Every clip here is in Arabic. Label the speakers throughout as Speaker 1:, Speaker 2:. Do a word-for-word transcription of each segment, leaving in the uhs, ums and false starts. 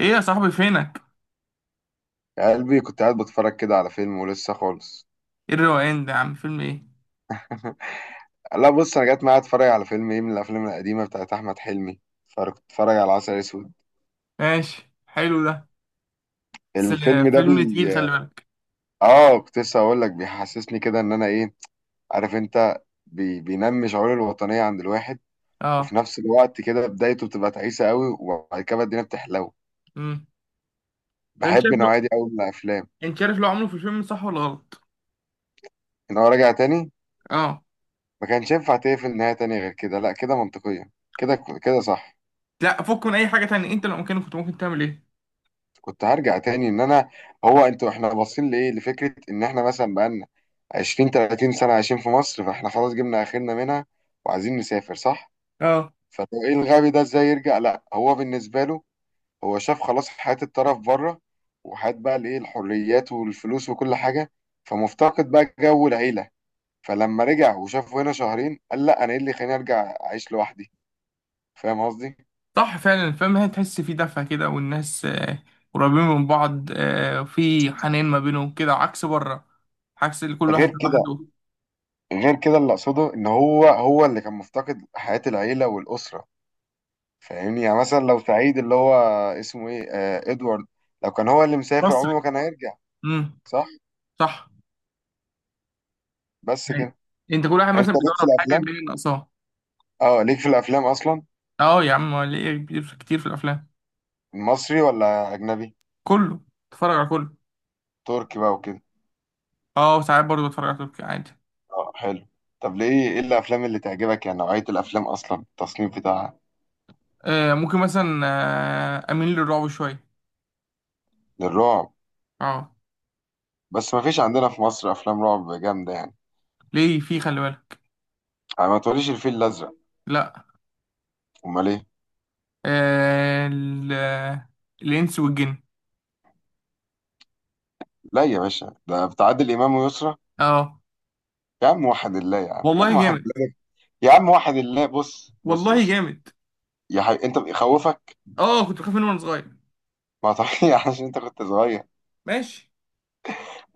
Speaker 1: ايه يا صاحبي فينك؟
Speaker 2: يا قلبي كنت قاعد بتفرج كده على فيلم ولسه خالص.
Speaker 1: ايه الروقان ده يا عم؟ فيلم ايه؟
Speaker 2: لا بص، انا جت معايا اتفرج على فيلم ايه من الافلام القديمه بتاعت احمد حلمي، فكنت اتفرج على عسل اسود.
Speaker 1: ماشي، حلو ده. بس آه،
Speaker 2: الفيلم ده بي،
Speaker 1: فيلم تقيل، خلي بالك.
Speaker 2: اه كنت لسه اقول لك بيحسسني كده ان انا ايه، عارف انت، بي... بينمي شعور الوطنيه عند الواحد،
Speaker 1: اه.
Speaker 2: وفي نفس الوقت كده بدايته بتبقى تعيسه قوي وبعد كده الدنيا بتحلو.
Speaker 1: امم. طب، انت
Speaker 2: بحب
Speaker 1: شايف
Speaker 2: النوعيه
Speaker 1: لو
Speaker 2: دي قوي من الافلام.
Speaker 1: انت شايف لو عمله في الفيلم صح ولا غلط؟
Speaker 2: ان هو راجع تاني،
Speaker 1: اه.
Speaker 2: ما كانش ينفع تقفل نهايه تانية غير كده. لا كده منطقيه، كده، كده صح.
Speaker 1: لا، فك من اي حاجه تانية، انت لو مكانك كنت ممكن تعمل ايه؟
Speaker 2: كنت هرجع تاني ان انا، هو انتوا احنا باصين لايه، لفكره ان احنا مثلا بقالنا عشرين تلاتين سنه عايشين في مصر، فاحنا خلاص جبنا اخرنا منها وعايزين نسافر، صح؟
Speaker 1: اه.
Speaker 2: فلو ايه الغبي ده ازاي يرجع؟ لا، هو بالنسبه له، هو شاف خلاص حياه الطرف بره، وحياه بقى الايه، الحريات والفلوس وكل حاجه، فمفتقد بقى جو العيله. فلما رجع وشافه هنا شهرين قال لا، انا ايه اللي خليني ارجع اعيش لوحدي؟ فاهم قصدي؟
Speaker 1: صح فعلا، الفيلم هي تحس فيه دفى كده والناس آه، قريبين من بعض، آه، وفي حنين ما بينهم كده عكس بره. عكس اللي كل واحد
Speaker 2: غير كده،
Speaker 1: لوحده.
Speaker 2: غير كده اللي اقصده ان هو، هو اللي كان مفتقد حياه العيله والاسره. فاهمني؟ يعني مثلا لو سعيد اللي هو اسمه ايه، آه، ادوارد، لو كان هو اللي مسافر عمره
Speaker 1: مصري.
Speaker 2: ما كان هيرجع.
Speaker 1: امم.
Speaker 2: صح.
Speaker 1: صح.
Speaker 2: بس
Speaker 1: أيوة.
Speaker 2: كده.
Speaker 1: انت كل واحد
Speaker 2: انت
Speaker 1: مثلا بيدور
Speaker 2: ليك في
Speaker 1: على حاجه اللي
Speaker 2: الافلام؟
Speaker 1: هي ناقصاه.
Speaker 2: اه ليك في الافلام اصلا؟
Speaker 1: اه يا عم، ليه كتير كتير في الافلام.
Speaker 2: مصري ولا اجنبي؟
Speaker 1: كله. بتفرج على كله.
Speaker 2: تركي بقى وكده؟
Speaker 1: اه، ساعات برضه بتفرج على تركي عادي.
Speaker 2: اه حلو. طب ليه، ايه الافلام اللي تعجبك يعني؟ نوعية الافلام اصلا، التصنيف بتاعها؟
Speaker 1: آه ممكن مثلا، آه اميل للرعب شويه.
Speaker 2: للرعب؟
Speaker 1: اه،
Speaker 2: بس ما فيش عندنا في مصر افلام رعب جامدة يعني.
Speaker 1: ليه في، خلي بالك.
Speaker 2: يعني ما تقوليش الفيل الازرق.
Speaker 1: لا.
Speaker 2: امال ايه؟
Speaker 1: آه ال- آه، الانس والجن.
Speaker 2: لا يا باشا، ده بتاع عادل امام ويسرى.
Speaker 1: اه
Speaker 2: يا عم واحد الله، يا عم، يا عم
Speaker 1: والله
Speaker 2: واحد
Speaker 1: جامد.
Speaker 2: الله، يا عم واحد الله، بص بص
Speaker 1: والله
Speaker 2: بص.
Speaker 1: جامد.
Speaker 2: يا حبيبي انت بيخوفك؟
Speaker 1: اه، كنت بخاف منه وانا صغير.
Speaker 2: ما طبيعي، عشان انت كنت صغير.
Speaker 1: ماشي.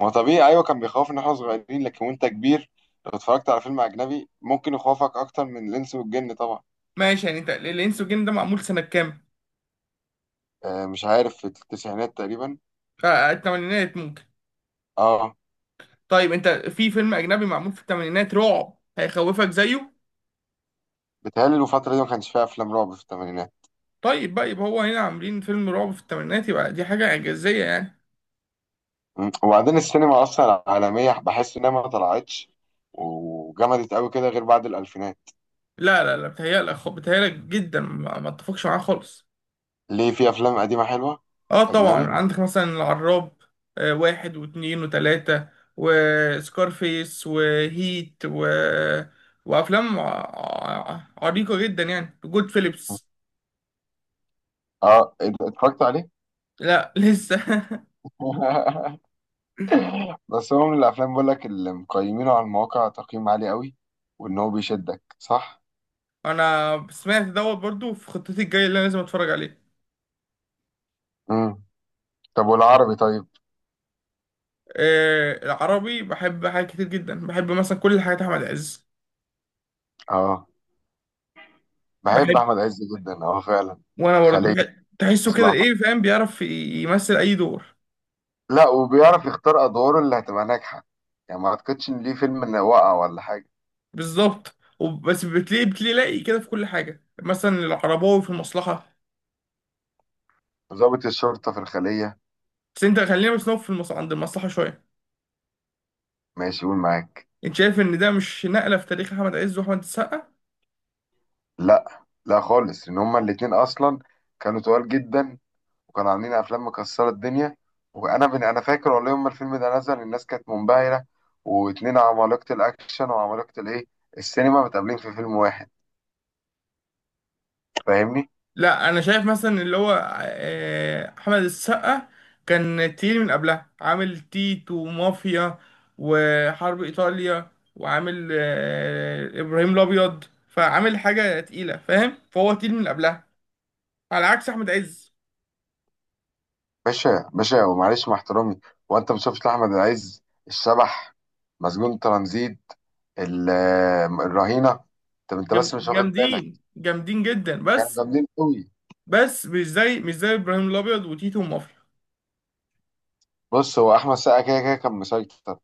Speaker 2: ما هو طبيعي، ايوه، كان بيخوفنا احنا صغيرين، لكن وانت كبير لو اتفرجت على فيلم اجنبي ممكن يخوفك اكتر من الانس والجن طبعا.
Speaker 1: ماشي، يعني انت الانس والجن ده معمول سنه كام؟
Speaker 2: آه مش عارف، في التسعينات تقريبا.
Speaker 1: آه الثمانينات ممكن.
Speaker 2: اه.
Speaker 1: طيب انت في فيلم اجنبي معمول في الثمانينات رعب هيخوفك زيه؟
Speaker 2: بتهيألي الفترة دي ما كانش فيها افلام رعب في الثمانينات.
Speaker 1: طيب بقى، يبقى هو هنا عاملين فيلم رعب في الثمانينات، يبقى دي حاجه اعجازيه يعني.
Speaker 2: م. وبعدين السينما اصلا العالمية بحس انها ما طلعتش وجمدت قوي كده غير بعد الالفينات.
Speaker 1: لا لا لا، بتهيألك خ- بتهيألك جدا، ما ما اتفقش معاه خالص.
Speaker 2: ليه؟ في افلام قديمة حلوة.
Speaker 1: اه طبعا،
Speaker 2: اجنبي؟
Speaker 1: عندك مثلا العراب. آه، واحد واتنين وتلاتة، وسكارفيس وهيت و... وأفلام ع- عريقة جدا، يعني، جود فيليبس.
Speaker 2: اه اتفرجت عليه.
Speaker 1: لا لسه.
Speaker 2: بس هو من الافلام، بقول لك، اللي مقيمينه على المواقع تقييم عالي قوي، وان هو بيشدك صح.
Speaker 1: أنا سمعت دوت برضو، في خطتي الجاية اللي أنا لازم أتفرج عليه.
Speaker 2: امم. طب والعربي؟ طيب.
Speaker 1: آه، العربي بحب حاجات كتير جدا، بحب مثلا كل حاجات أحمد عز.
Speaker 2: اه بحب
Speaker 1: بحب.
Speaker 2: احمد عز جدا، اه فعلا.
Speaker 1: وأنا برضو
Speaker 2: خلية،
Speaker 1: بحب، تحسه كده
Speaker 2: مصلحة.
Speaker 1: إيه، فاهم، بيعرف يمثل أي دور.
Speaker 2: لا، وبيعرف يختار ادواره اللي هتبقى ناجحة. يعني ما اعتقدش ان ليه فيلم انه وقع ولا حاجة.
Speaker 1: بالظبط، وب- بس بتلاقي بتلاقي لاقي كده في كل حاجه، مثلا العرباوي في المصلحه.
Speaker 2: ضابط الشرطة في الخلية.
Speaker 1: بس انت خلينا بس نقف في المص... عند المصلحه شويه.
Speaker 2: ماشي، قول معاك.
Speaker 1: انت شايف ان ده مش نقله في تاريخ احمد عز واحمد السقا؟
Speaker 2: لا لا خالص، ان هما الاتنين اصلا كانوا تقال جدا، وكانوا عاملين افلام مكسره الدنيا. وانا من انا فاكر والله يوم ما الفيلم ده نزل الناس كانت منبهره. واتنين عمالقه الاكشن وعمالقه الايه، السينما، متقابلين في فيلم واحد. فاهمني؟
Speaker 1: لا، انا شايف مثلا اللي هو آه، احمد السقا كان تقيل من قبلها، عامل تيت ومافيا وحرب ايطاليا، وعامل آه، ابراهيم الابيض. فعامل حاجه تقيله، فاهم، فهو تقيل من قبلها، على عكس احمد عز.
Speaker 2: باشا، باشا، ومعلش مع احترامي، وانت ما شفتش احمد عز الشبح، مسجون ترانزيت، ال- الرهينه؟ طب انت
Speaker 1: جم-
Speaker 2: بس مش واخد بالك؟
Speaker 1: جامدين جامدين جدا،
Speaker 2: كانوا
Speaker 1: بس.
Speaker 2: جامدين قوي.
Speaker 1: بس مش زي مش زي ابراهيم الابيض وتيتو ومافيا.
Speaker 2: بص، هو احمد السقا كده كده كان مسيطر.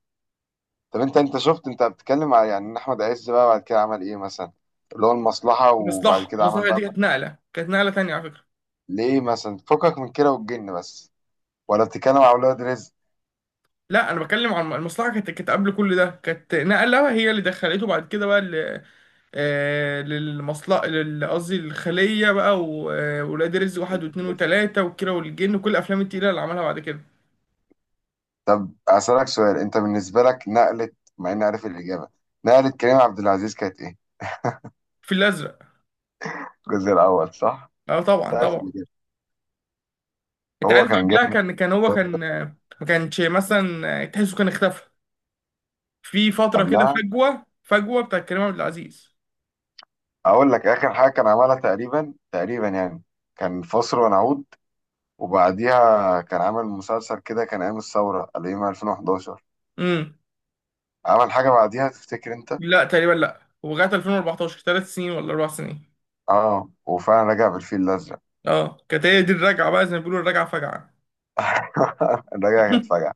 Speaker 2: طب انت، انت شفت، انت بتتكلم على يعني ان احمد عز بقى بعد كده عمل ايه مثلا، اللي هو المصلحة، وبعد
Speaker 1: مصلحه
Speaker 2: كده عمل
Speaker 1: المصلحه دي
Speaker 2: بقى،
Speaker 1: كانت نقله كانت نقله تانية على فكره.
Speaker 2: ليه مثلا، فكك من كده والجن بس، ولا بتتكلم على اولاد رزق؟
Speaker 1: لا، انا بتكلم عن المصلحه، كانت كانت قبل كل ده، كانت نقله هي اللي دخلته بعد كده بقى ل- آه، للمصلحه لل- قصدي الخليه بقى، وولاد رزق واحد واثنين وثلاثه، والكيره والجن، وكل الافلام التقيله اللي عملها بعد كده.
Speaker 2: طب اسالك سؤال، انت بالنسبه لك نقله، مع اني عارف الاجابه، نقله كريم عبد العزيز كانت ايه؟
Speaker 1: في الازرق.
Speaker 2: الجزء الاول صح؟
Speaker 1: اه طبعا
Speaker 2: انت عارف
Speaker 1: طبعا.
Speaker 2: الاجابه.
Speaker 1: انت
Speaker 2: هو
Speaker 1: عارف،
Speaker 2: كان
Speaker 1: قبلها
Speaker 2: جامد
Speaker 1: كان كان هو
Speaker 2: برضه
Speaker 1: كان، آه، ما كانش مثلا، آه، تحسه كان اختفى في فتره كده،
Speaker 2: قبلها.
Speaker 1: فجوه فجوه بتاع كريم عبد العزيز.
Speaker 2: اقول لك اخر حاجه كان عملها تقريبا تقريبا يعني، كان فاصل ونعود. وبعديها كان عامل مسلسل كده، كان ايام الثوره، الايام الفين وحداشر. عمل حاجه بعديها تفتكر انت؟
Speaker 1: لا تقريبا، لا، ولغايه ألفين وأربعة عشر ثلاث سنين ولا اربع سنين.
Speaker 2: اه، وفعلا رجع بالفيل الازرق.
Speaker 1: اه، كانت هي دي الرجعه بقى، زي ما بيقولوا الرجعه فجعه.
Speaker 2: رجع كانت فجأة.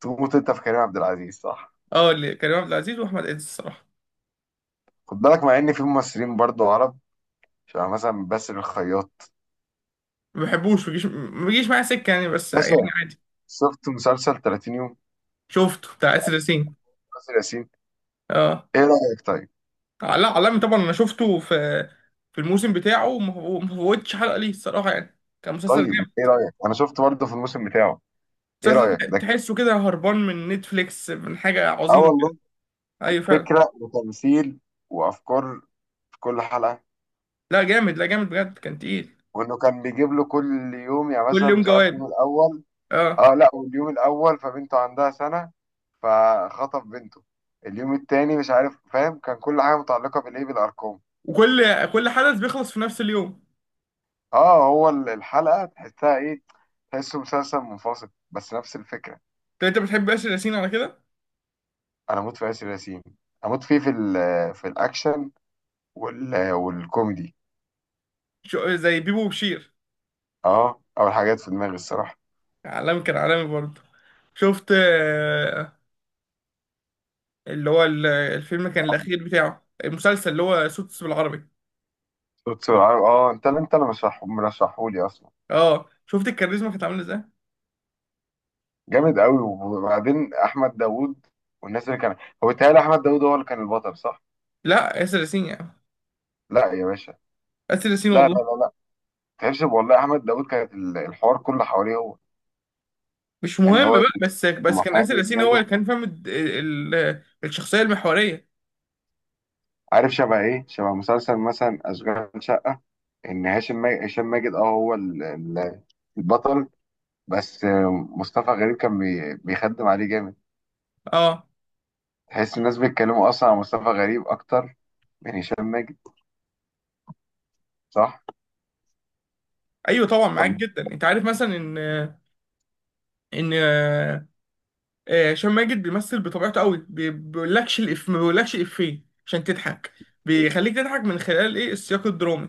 Speaker 2: تموت انت في كريم عبد العزيز صح؟
Speaker 1: اه، اللي كريم عبد العزيز واحمد عز الصراحه.
Speaker 2: خد بالك، مع ان في ممثلين برضو عرب، شبه مثلا باسل الخياط.
Speaker 1: ما بحبوش، ما بيجيش ما بيجيش معايا سكه، يعني بس، يعني
Speaker 2: باشا،
Speaker 1: عادي.
Speaker 2: شفت مسلسل تلاتين يوم؟
Speaker 1: شفته، بتاع اسر ياسين.
Speaker 2: باسل ياسين.
Speaker 1: اه.
Speaker 2: ايه رايك طيب؟
Speaker 1: لا، علامي طبعا، انا شفته في في الموسم بتاعه، وما وما فوتش حلقه ليه الصراحه، يعني كان مسلسل
Speaker 2: طيب ايه
Speaker 1: جامد.
Speaker 2: رايك، انا شفت برضه في الموسم بتاعه. ايه رايك ده
Speaker 1: مسلسل
Speaker 2: كده؟
Speaker 1: تحسه كده هربان من نتفليكس، من حاجه
Speaker 2: اه
Speaker 1: عظيمه كده.
Speaker 2: والله. ك-
Speaker 1: ايوه فعلا.
Speaker 2: فكره وتمثيل وافكار في كل حلقه.
Speaker 1: لا جامد، لا جامد بجد، كان تقيل.
Speaker 2: وانه كان بيجيب له كل يوم، يعني
Speaker 1: كل
Speaker 2: مثلا
Speaker 1: يوم
Speaker 2: مش عارف،
Speaker 1: جواد.
Speaker 2: اليوم الاول،
Speaker 1: اه،
Speaker 2: اه لا، واليوم الاول فبنته عندها سنه، فخطف بنته. اليوم التاني مش عارف، فاهم؟ كان كل حاجه متعلقه بالايه، بالارقام.
Speaker 1: وكل كل حدث بيخلص في نفس اليوم.
Speaker 2: اه، هو ال- الحلقه تحسها ايه؟ تحسه مسلسل منفصل بس نفس الفكره.
Speaker 1: طب انت بتحب ياسر ياسين على كده؟
Speaker 2: انا اموت في ياسر ياسين، اموت فيه في ال، في الاكشن وال والكوميدي
Speaker 1: شو- زي بيبو وبشير.
Speaker 2: اه اول حاجات في دماغي الصراحه.
Speaker 1: عالمي، كان عالمي برضه. شفت، آه، اللي هو ال- الفيلم كان الاخير بتاعه، المسلسل اللي هو سوتس بالعربي.
Speaker 2: صوت سرعة، اه، انت اللي، انت اللي مرشحه، مرشحهولي اصلا.
Speaker 1: اه، شفت الكاريزما كانت عامله ازاي.
Speaker 2: جامد قوي. وبعدين احمد داوود والناس اللي كان، هو بيتهيألي احمد داوود هو اللي كان البطل صح؟
Speaker 1: لا، ياسر ياسين يعني.
Speaker 2: لا يا باشا.
Speaker 1: ياسر ياسين
Speaker 2: لا لا
Speaker 1: والله.
Speaker 2: لا لا، تعرفش والله احمد داوود كانت ال- الحوار كله حواليه هو،
Speaker 1: مش
Speaker 2: ان
Speaker 1: مهم
Speaker 2: هو
Speaker 1: بقى، بس بس كان ياسر
Speaker 2: محامي
Speaker 1: ياسين هو
Speaker 2: ناجح،
Speaker 1: اللي كان فاهم الد- ال- ال- الشخصيه المحوريه.
Speaker 2: عارف شبه ايه، شبه مسلسل مثلا اشغال شقه، ان هاشم ماجد، هشام ماجد، اه هو ال- ال- البطل، بس آه، مصطفى غريب كان بي- بيخدم عليه جامد.
Speaker 1: اه.
Speaker 2: تحس الناس بيتكلموا اصلا عن مصطفى غريب اكتر من هشام ماجد، صح؟
Speaker 1: ايوه طبعا معاك
Speaker 2: ولا
Speaker 1: جدا، انت عارف مثلا ان، ان آه، آه، هشام ماجد بيمثل بطبيعته قوي، بي- بيقولكش الإف، ما بيقولكش إفيه عشان تضحك. بيخليك تضحك من خلال إيه السياق الدرامي.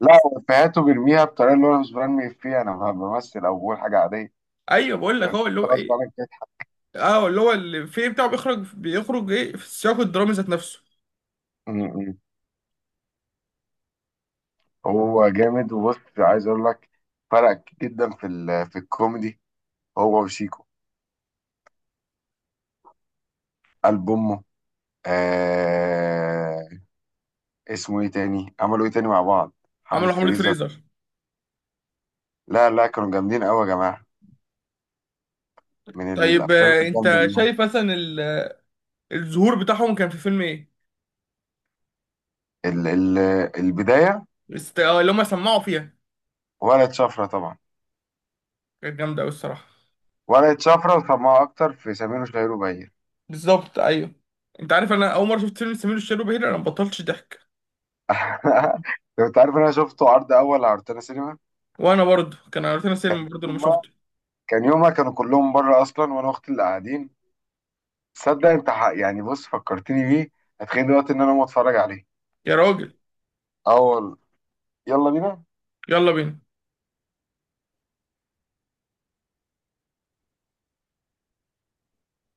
Speaker 2: لا، هو افيهاته بيرميها بطريقه اللي هو أنا مش برمي فيها، انا بمثل او بقول حاجه عاديه.
Speaker 1: أيوه، بقول لك
Speaker 2: فاهم؟
Speaker 1: هو اللي هو
Speaker 2: غصب
Speaker 1: إيه.
Speaker 2: عنك كده.
Speaker 1: أه، اللي هو الإفيه بتاعه بيخرج بيخرج إيه في السياق الدرامي ذات نفسه.
Speaker 2: م- م. هو جامد. وبص، عايز اقول لك، فرق جدا في ال- في الكوميدي، هو وشيكو، قلب امه. آه، اسمه ايه تاني عملوا ايه تاني مع بعض؟ حملة
Speaker 1: عملوا حملة
Speaker 2: فريزر.
Speaker 1: فريزر.
Speaker 2: لا لا، كانوا جامدين قوي يا جماعة، من
Speaker 1: طيب،
Speaker 2: الافلام
Speaker 1: آه،
Speaker 2: الجامدة
Speaker 1: أنت
Speaker 2: دي.
Speaker 1: شايف مثلا ال- الظهور بتاعهم كان في فيلم إيه؟
Speaker 2: ال ال البداية،
Speaker 1: است- آه، اللي هما سمعوا فيها،
Speaker 2: ورقة شفرة طبعا.
Speaker 1: كانت جامدة أوي الصراحة.
Speaker 2: ورقة شفرة، وسمعوا اكتر في سمير وشهير وبهير.
Speaker 1: بالظبط أيوه. أنت عارف، أنا أول مرة شفت فيلم سمير وشهير وبهير أنا مبطلتش ضحك.
Speaker 2: لو انت عارف ان انا شفته عرض اول على روتانا سينما.
Speaker 1: وأنا برضه، كان عرفتنا
Speaker 2: كان
Speaker 1: سينما برضه لما
Speaker 2: يومها،
Speaker 1: شفته.
Speaker 2: كان يومها كانوا كلهم بره اصلا، وانا واختي اللي قاعدين. تصدق انت ح- يعني، بص، فكرتني بيه، هتخيل دلوقتي ان انا اقوم اتفرج عليه؟
Speaker 1: يا راجل.
Speaker 2: اول، يلا بينا.
Speaker 1: يلا بينا.